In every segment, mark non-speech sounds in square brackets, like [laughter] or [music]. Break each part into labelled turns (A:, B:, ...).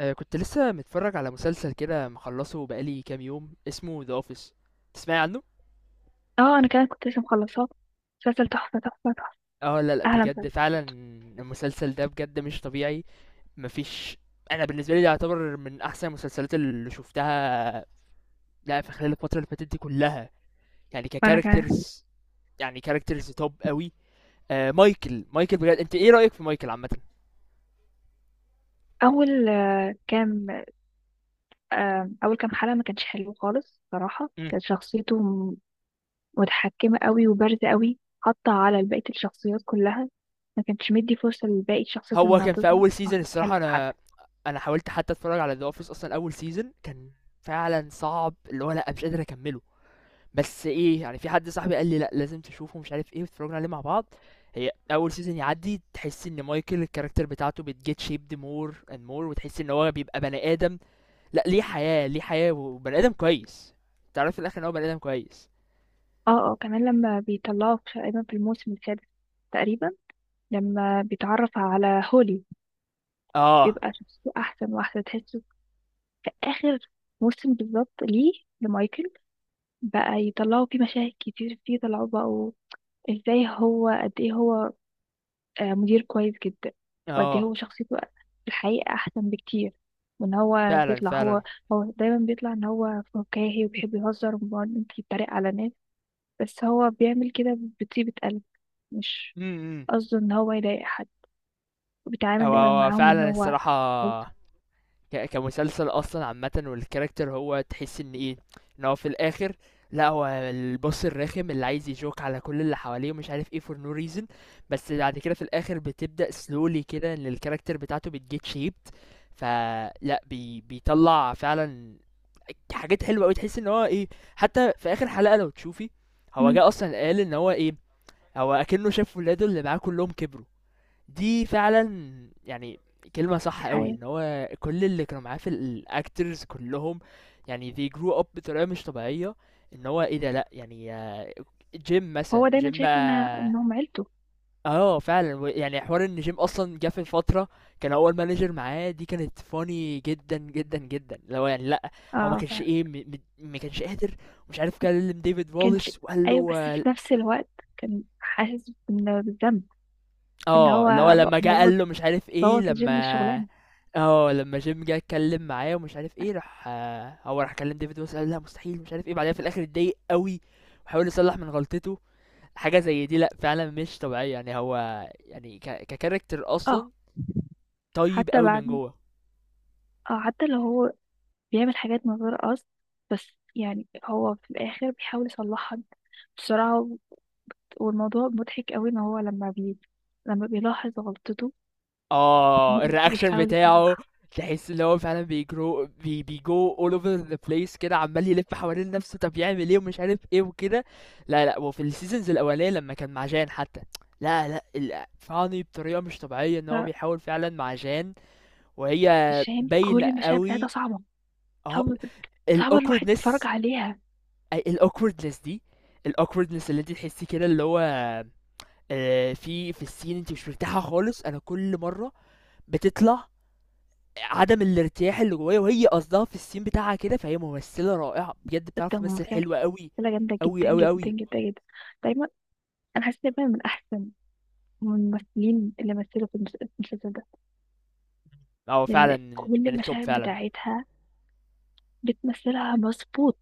A: آه، كنت لسه متفرج على مسلسل كده مخلصه بقالي كام يوم اسمه ذا اوفيس. تسمعي عنه؟
B: اه، انا كمان كنت لسه مخلصاه. مسلسل تحفه تحفه تحفه،
A: اه لا
B: احلى
A: بجد
B: مسلسل
A: فعلا.
B: شفته.
A: المسلسل ده بجد مش طبيعي، مفيش. انا بالنسبه لي ده يعتبر من احسن المسلسلات اللي شفتها لا في خلال الفتره اللي فاتت دي كلها. يعني
B: وانا كمان.
A: ككاركترز، يعني كاركترز توب قوي. آه، مايكل بجد، انت ايه رايك في مايكل عامه؟
B: اول آه، كام اول كام حلقه ما كانش حلو خالص صراحه،
A: مم.
B: كانت شخصيته متحكمه قوي وبارزه قوي، حاطه على بقيه الشخصيات كلها. ما كانش مدي فرصه لباقي الشخصيات
A: هو
B: انها
A: كان في
B: تظهر
A: اول
B: او
A: سيزون الصراحه
B: تتكلم
A: انا
B: حتى.
A: انا حاولت حتى اتفرج على ذا اوفيس اصلا. اول سيزون كان فعلا صعب، اللي هو لا مش قادر اكمله. بس إيه، يعني في حد صاحبي قال لي: "لأ، لازم تشوفه." ومش عارف إيه، واتفرجنا عليه مع بعض. هي أول season يعدّي تحسّي إن مايكل الcharacter بتاعته بتget shaped more and more وتحسّي إن هو بيبقى بني آدم. لأ، ليه حياة، ليه حياة وبني آدم كويس. تعرفي في الآخر إن هو بني آدم كويس.
B: اه، اه، كمان لما بيطلعوا تقريبا في الموسم السادس، تقريبا، لما بيتعرف على هولي،
A: آه،
B: بيبقى شخصيته احسن واحسن تحسه. في اخر موسم بالظبط، ليه؟ لمايكل بقى يطلعوا فيه مشاهد كتير، فيه طلعوا بقوا ازاي هو، قد ايه هو مدير كويس جدا، وقد ايه
A: آه،
B: هو شخصيته في الحقيقة احسن بكتير. وان هو
A: فعلًا،
B: بيطلع
A: فعلًا.
B: هو هو دايما بيطلع ان هو فكاهي وبيحب يهزر وممكن يتريق على ناس، بس هو بيعمل كده بطيبة قلب. مش
A: إمم، إمم.
B: قصده ان هو يضايق حد، وبيتعامل
A: هو
B: دايما
A: هو
B: معاهم ان
A: فعلًا
B: هو.
A: الصراحة، ك- كمسلسل اصلا عامه والكاركتر هو تحس ان ايه، ان هو في الاخر لا هو البص الرخم اللي عايز يجوك على كل اللي حواليه ومش عارف ايه فور نو ريزن. بس بعد كده في الاخر بتبدا سلولي كده ان الكاركتر بتاعته بتجيت شيبت، فلا بي بيطلع فعلا حاجات حلوه قوي تحس ان هو ايه. حتى في اخر حلقه لو تشوفي هو
B: مم.
A: جه اصلا قال ان هو ايه، هو اكنه شاف ولاده اللي معاه كلهم كبروا. دي فعلًا يعني كلمة صح
B: دي
A: أوي، إن
B: حقيقة.
A: هو كل اللي كانوا معاه في الactors كلّهم، يعني they grew up بطريقة مش طبيعية، إن هو إيه ده لأ، يعني Jim
B: هو
A: مثلًا، Jim
B: دايما شايف انها
A: بقى
B: انهم عيلته.
A: آه فعلًا، ويعني حوار إن Jim أصلًا جه في فترة كان هو الmanager معاه دي كانت funny جدًا، جدًا، جدًا، اللي هو يعني لأ، هو ما
B: اه،
A: كانش إيه م م ما كانش قادر، ومش عارف كلم David
B: كان ش...
A: Wallace وقال
B: ايوه،
A: له
B: بس في نفس الوقت كان حاسس بالذنب، ان
A: آه، اللي هو
B: هو ب-
A: لمّا جه
B: بوظ
A: قال له مش عارف إيه،
B: بوظ لجيم
A: لمّا
B: الشغلانة.
A: آه، لمّا جيم جه اتكلّم معاه ومش عارف إيه، راح آه، هو راح كلّم ديفيد ويلسون قال لأ مستحيل ومش عارف إيه، بعدها في الآخر اتضايق أوي وحاول يصلّح من غلطته. حاجة زي دي لأ فعلًا مش طبيعية، يعني هو يعني كcharacter أصلًا
B: اه
A: طيب
B: حتى
A: أوي من
B: بعد
A: جوّه.
B: اه حتى لو هو بيعمل حاجات من غير قصد، بس يعني هو في الآخر بيحاول يصلحها بسرعة والموضوع مضحك قوي إن هو لما بيلاحظ غلطته
A: اه
B: [laughs]
A: الرياكشن
B: وبيحاول
A: بتاعه
B: يصلحها.
A: تحس ان هو فعلا بيجرو بيجو all over the place كده عمال يلف حوالين نفسه طب يعمل ايه ومش عارف ايه وكده. لا وفي السيزونز الاولانيه لما كان مع جان حتى، لا ال- فاني بطريقه مش طبيعيه ان هو بيحاول فعلا مع جان، وهي
B: فشاهين
A: باينه
B: كل المشاهد بتاعتها
A: قوي.
B: صعبة،
A: اهو
B: صعبة، صعبة الواحد يتفرج
A: الاوكوردنس.
B: عليها.
A: اي الاوكوردنس دي؟ الاوكوردنس اللي انت تحسي كده اللي هو آه، في في السين انت مش مرتاحه خالص، انا كل مره بتطلع عدم الارتياح اللي جوايا، وهي قصدها في الscene بتاعها كده، فهي ممثلة رائعة، بجد
B: بجد
A: بتعرف تمثل
B: ممثلة،
A: حلو أوي،
B: ممثلة جامدة
A: أوي،
B: جدا
A: أوي،
B: جدا
A: أوي.
B: جدا جدا. دايما، أنا حاسة دايما من أحسن، من الممثلين اللي مثلوا في المسلسل ده.
A: هو فعلًا من
B: كل
A: من الtop
B: المشاهد
A: فعلًا.
B: بتاعتها بتمثلها مظبوط،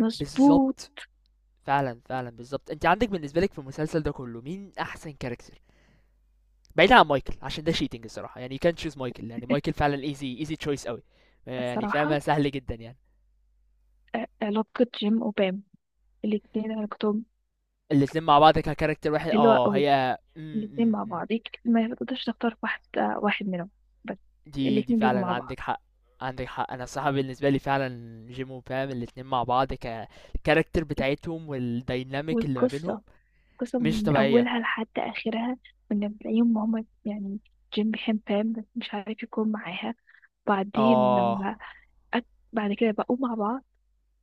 B: مظبوط.
A: بالضبط، فعلًا، فعلًا، بالضبط. أنتِ عندِك بالنسبة لِك في المسلسل ده كله مين أحسن character؟ بعيدًا عن مايكل، عشان ده cheating الصراحة، يعني you can't choose مايكل، يعني مايكل فعلًا easy choice أوي، يعني فاهمة
B: الصراحة،
A: سهل جدًا يعني.
B: علاقة جيم وبام، الاتنين علاقتهم
A: الاتنين مع بعض كcharacter واحد
B: حلوة
A: آه،
B: قوي.
A: هي إمم،
B: الاتنين
A: إمم،
B: مع
A: إمم.
B: بعض ما تقدرش تختار واحد منهم، بس
A: دي
B: الاتنين بيجوا
A: فعلًا
B: مع بعض،
A: عندِك حق، عندِك حق. أنا الصراحة بالنسبة لي فعلًا جيم وبام الاتنين مع بعض ك الCharacter بتاعتهم والdynamic اللي ما بينهم
B: والقصة قصة
A: مش
B: من
A: طبيعية.
B: أولها لحد آخرها. من بتلاقيهم هما يعني، جيم بيحب بام بس مش عارف يكون معاها، بعدين لما
A: آه.
B: أك... بعد كده بقوا مع بعض،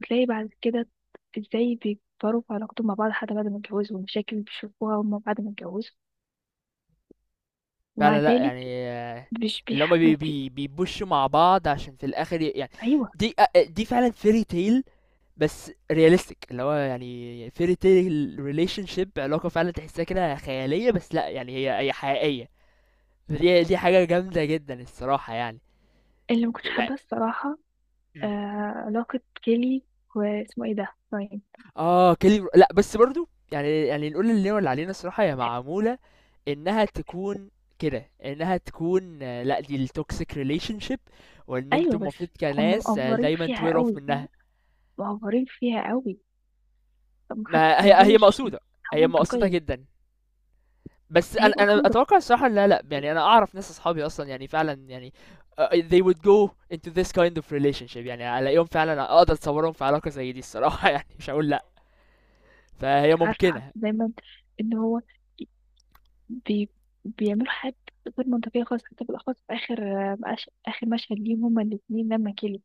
B: تلاقي بعد كده ازاي بيكبروا في علاقتهم مع بعض، حتى بعد ما اتجوزوا، والمشاكل اللي بيشوفوها هما بعد ما اتجوزوا، ومع
A: فعلًا لأ،
B: ذلك
A: يعني آه،
B: مش
A: اللي
B: بيح...
A: هُم
B: ما
A: بي
B: في...
A: بي بيpushوا مع بعض عشان في الآخر ي يعني
B: أيوة.
A: دي فعلًا fairy tale بس realistic اللي هو يعني fairy tale relationship، علاقة فعلًا تحسّيها كده خيالية بس لأ، يعني هي هي حقيقية. فدي حاجة جامدة جدًا الصراحة يعني.
B: اللي ما كنتش حابه الصراحه، آه
A: إمم.
B: علاقه كيلي واسمه ايه ده، راين.
A: اه كلي لأ بس برضه يعني نقول اللي هو اللي علينا الصراحة هي معمولة إنها تكون كده، إنها تكون آه، لأ دي التوكسيك ريليشن شيب، وإن انتوا
B: ايوه، بس
A: المفروض
B: هم
A: كناس آه،
B: مقفرين
A: دايما
B: فيها
A: توير اوف
B: قوي،
A: منها.
B: مقفرين فيها قوي. طب ما حتى
A: ما
B: ما
A: هي هي
B: اظنش
A: مقصودة،
B: إنها
A: هي مقصودة
B: منطقيه.
A: جدا. بس أنا
B: هي
A: أنا
B: مقصوده.
A: أتوقع الصراحة لا لأ يعني أنا أعرف ناس أصحابي أصلا يعني فعلا يعني آه، they would go into this kind of relationship، يعني ألاقيهم فعلا أقدر أتصورهم في علاقة زي دي الصراحة [laughs] يعني مش هقول لأ،
B: مش
A: فهي
B: عارفه، حاسة
A: ممكنة.
B: دايما ان هو بي بيعملوا حاجات غير منطقيه خالص، حتى بالاخص في اخر، اخر مشهد ليهم هما الاثنين لما كيلي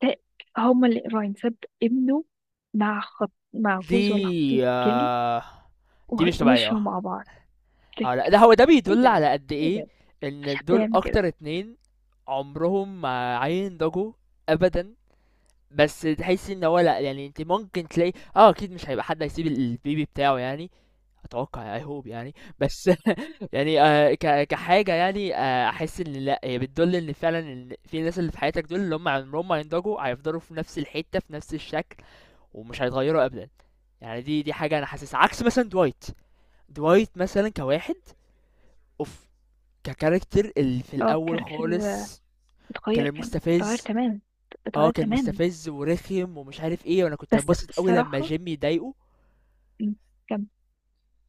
B: ت- هما اللي راين ساب ابنه مع جوز ولا خطيب
A: دي
B: كيلي،
A: آه دي مش طبيعية
B: ومشوا
A: آه.
B: مع بعض.
A: اه لا ده هو ده
B: ايه
A: بيدل
B: ده،
A: على قد
B: ايه
A: ايه
B: ده، مفيش
A: ان
B: حد
A: دول
B: يعمل كده.
A: اكتر اتنين عمرهم ما هينضجوا ابدا. بس تحس ان هو لا يعني انت ممكن تلاقي اه اكيد مش هيبقى حد هيسيب البيبي بتاعه يعني، اتوقع اي هوب يعني. بس [laughs] يعني آه ك... كحاجه يعني آه احس ان لا هي بتدل ان فعلا ان في ناس اللي في حياتك دول اللي هم عمرهم ما ينضجوا، هيفضلوا في نفس الحته في نفس الشكل ومش هيتغيروا ابدا. يعني دي حاجه انا حاسسها عكس مثلا دوايت. دوايت مثلا كواحد اوف ككاركتر اللي في
B: اه،
A: الاول
B: الكاركتر
A: خالص كان
B: اتغير كان اتغير
A: المستفز.
B: تماما،
A: اه
B: اتغير
A: كان
B: تماما.
A: مستفز ورخم ومش عارف ايه، وانا كنت
B: بس
A: ببسط قوي لما
B: الصراحة،
A: جيمي يضايقه.
B: م، كم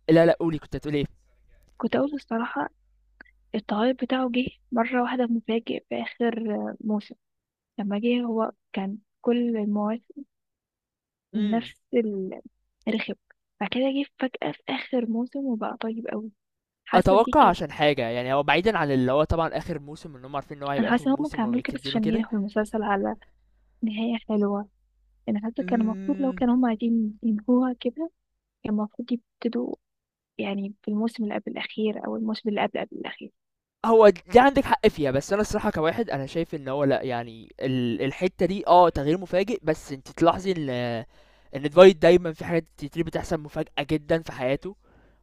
A: لا قولي، كنت هتقول ايه؟
B: كنت أقول الصراحة، التغير بتاعه جه مرة واحدة مفاجئ في آخر موسم. لما جه هو، كان كل المواسم
A: امم.
B: نفس الرخم، بعد كده جه فجأة في آخر موسم وبقى طيب أوي. حاسة دي
A: اتوقع
B: كانت،
A: عشان حاجه يعني هو بعيدا عن اللي هو طبعا اخر موسم ان هم عارفين ان هو
B: أنا
A: هيبقى اخر
B: حاسة إن هما
A: موسم
B: كانوا عملوا كده بس
A: وكاتبينه
B: عشان
A: كده.
B: ينهوا المسلسل على نهاية حلوة. أنا حاسة كان المفروض، لو
A: امم.
B: كانوا هما عايزين ينهوها كده، كان المفروض يبتدوا يعني في الموسم اللي قبل الأخير أو الموسم اللي قبل قبل الأخير.
A: هو دي عندِك حق فيها، بس أنا الصراحة كواحد أنا شايف إن هو لأ، يعني ال الحتّة دي آه، تغيير مفاجئ، بس أنتِ تلاحظي إن Dwight دايمًا في حاجات كتير بتحصل مفاجأة جدًا في حياته،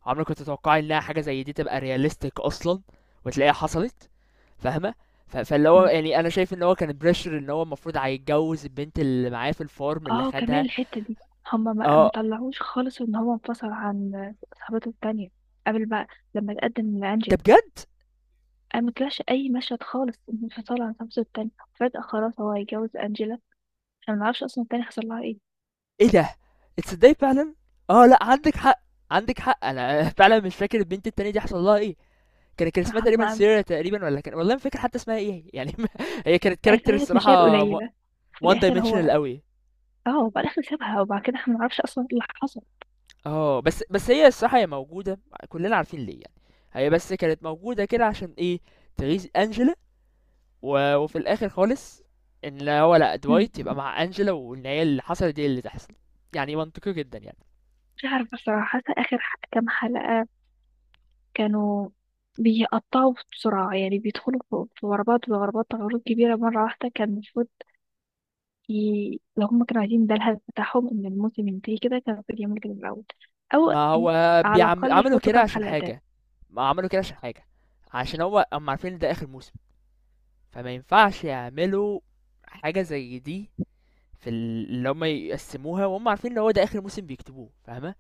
A: عمرِك ما تتوقعي إنها حاجة زي دي تبقى realistic أصلًا، وتلاقيها حصلت، فاهمة؟ ف فاللي هو
B: م.
A: يعني أنا شايف إن هو كان pressure إن هو المفروض هيتجوّز البنت اللي معاه في الfarm اللي
B: اه، كمان
A: خدها
B: الحتة دي هما ما
A: آه،
B: طلعوش خالص ان هو انفصل عن صاحبته التانية قبل، بقى لما تقدم
A: ده
B: لأنجيلا.
A: بجد!
B: انا ما طلعش اي مشهد خالص من انفصال عن صاحبته التانية، فجأة خلاص هو هيتجوز أنجيلا. احنا ما نعرفش اصلا التانية حصل لها ايه.
A: إيه ده! تصدّقي فعلًا؟ آه لأ، عندِك حق، عندِك حق، أنا [laughs] فعلًا مش فاكر البنت التانية دي حصل لها إيه. كان اسمها
B: مع
A: تقريبا
B: مع-
A: سيرا تقريبا ولا كان، والله ما فاكر حتى اسمها ايه يعني. [laughs] هي كانت
B: أي
A: كاركتر
B: ثلاث مشاهد
A: الصراحه
B: قليلة في
A: وان
B: الاخر.
A: دايمنشنال
B: هو
A: قوي.
B: اه وبعد الاخر سابها، وبعد كده احنا ما نعرفش اصلا ايه اللي حصل.
A: اه بس هي الصراحه هي موجوده، كلنا عارفين ليه يعني. هي بس كانت موجوده كده عشان ايه؟ تغيظ انجلا. و... وفي الاخر خالص ان لا هو لا
B: م.
A: دوايت يبقى مع انجلا وان هي اللي حصلت دي اللي تحصل، يعني منطقي جدا يعني.
B: مش عارفة بصراحة، حاسة اخر كام حلقة كانوا بيقطعوا بسرعة، يعني بيدخلوا في غربات وغربات غروب كبيرة مرة واحدة. كان المفروض لو هما كانوا عايزين ده الهدف بتاعهم إن الموسم ينتهي كده، كان المفروض يعملوا كده من الأول، أو
A: ما هو
B: على
A: بيعم...
B: الأقل
A: عملوا
B: يحطوا
A: كده
B: كام
A: عشان
B: حلقة تاني.
A: حاجه، ما عملوا كده عشان حاجه، عشان هو هم عارفين إن ده اخر موسم، فما ينفعش يعملوا حاجه زي دي في ال- اللي هم يقسموها وهم عارفين ان هو ده اخر موسم بيكتبوه، فاهمه؟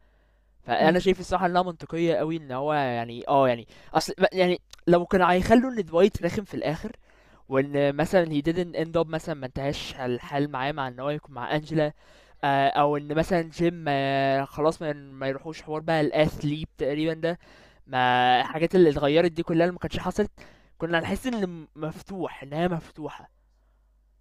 B: مم.
A: فانا شايف الصراحه انها منطقيه قوي ان هو يعني اه يعني اصل ما- يعني لو كانوا هيخلوا ان دوايت رخم في الاخر وان مثلا he didn't end up مثلا ما انتهاش الحال معاه مع ان هو يكون مع انجلا آه، او ان مثلا جيم آه، خلاص ما يروحوش حوار بقى الاثليب تقريبا ده، ما الحاجات اللي اتغيرت دي كلها اللي ما كانتش حصلت كنا هنحس ان الم- مفتوح انها مفتوحه.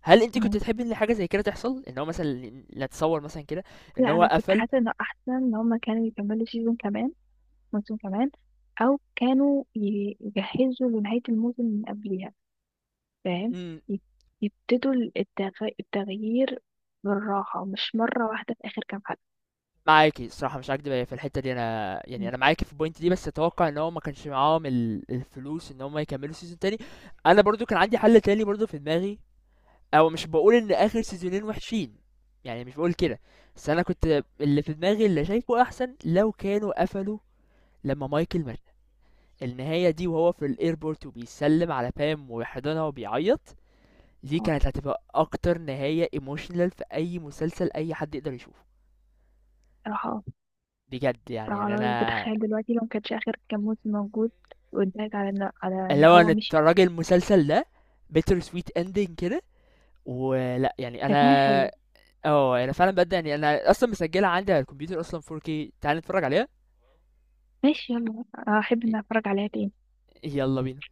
A: هل أنتِ كنتِ
B: مم.
A: تحبّي إن حاجة زي كده تحصل؟ إن هو مثلًا نتصوّر مثلًا كده إن
B: لا،
A: هو
B: أنا كنت
A: قفل.
B: حاسة إنه أحسن إن هما كانوا يكملوا سيزون كمان، موسم كمان، أو كانوا يجهزوا لنهاية الموسم من قبلها، فاهم؟
A: إمم.
B: يب- يبتدوا التغيير بالراحة، مش مرة واحدة في آخر كام حلقة.
A: معاكِ الصراحة مش هاكدب هي في الحتّة دي، أنا يعني
B: مم.
A: أنا معاكِ في الpoint دي، بس أتوقّع إن هو ما كانش معاهم ال الفلوس إن هم يكمّلوا season تاني. أنا برضه كان عندي حَل تاني برضه في دماغي، أو مش باقول إن آخر سيزونين وِحشين، يعني مش باقول كده، بس أنا كنت اللي في دماغي اللي شايفه أحسن لو كانوا قفلوا لمّا مايكل مات. النهاية دي وهو في الairport وبيسلّم على pam ويحضنها وبيعيّط دي كانت هتبقى اكتر نهاية ايموشنال في اي مسلسل اي حد يقدر يشوفه.
B: صراحة
A: بجد يعني يعني
B: صراحة
A: انا
B: بتخيل دلوقتي لو مكانش آخر كام موسم موجود، واتضايق على إن على
A: اللي
B: إن
A: هو
B: هو
A: انا
B: مشي.
A: الراجل المسلسل ده بيتر سويت اندنج كده ولا يعني
B: كانت نهاية
A: انا.
B: حلوة.
A: اه انا فعلا بجد يعني انا اصلا مسجلها عندي على الكمبيوتر اصلا 4K، تعال نتفرج عليها.
B: ماشي، يلا، أحب
A: ي-
B: إن أتفرج عليها تاني.
A: يلا بينا.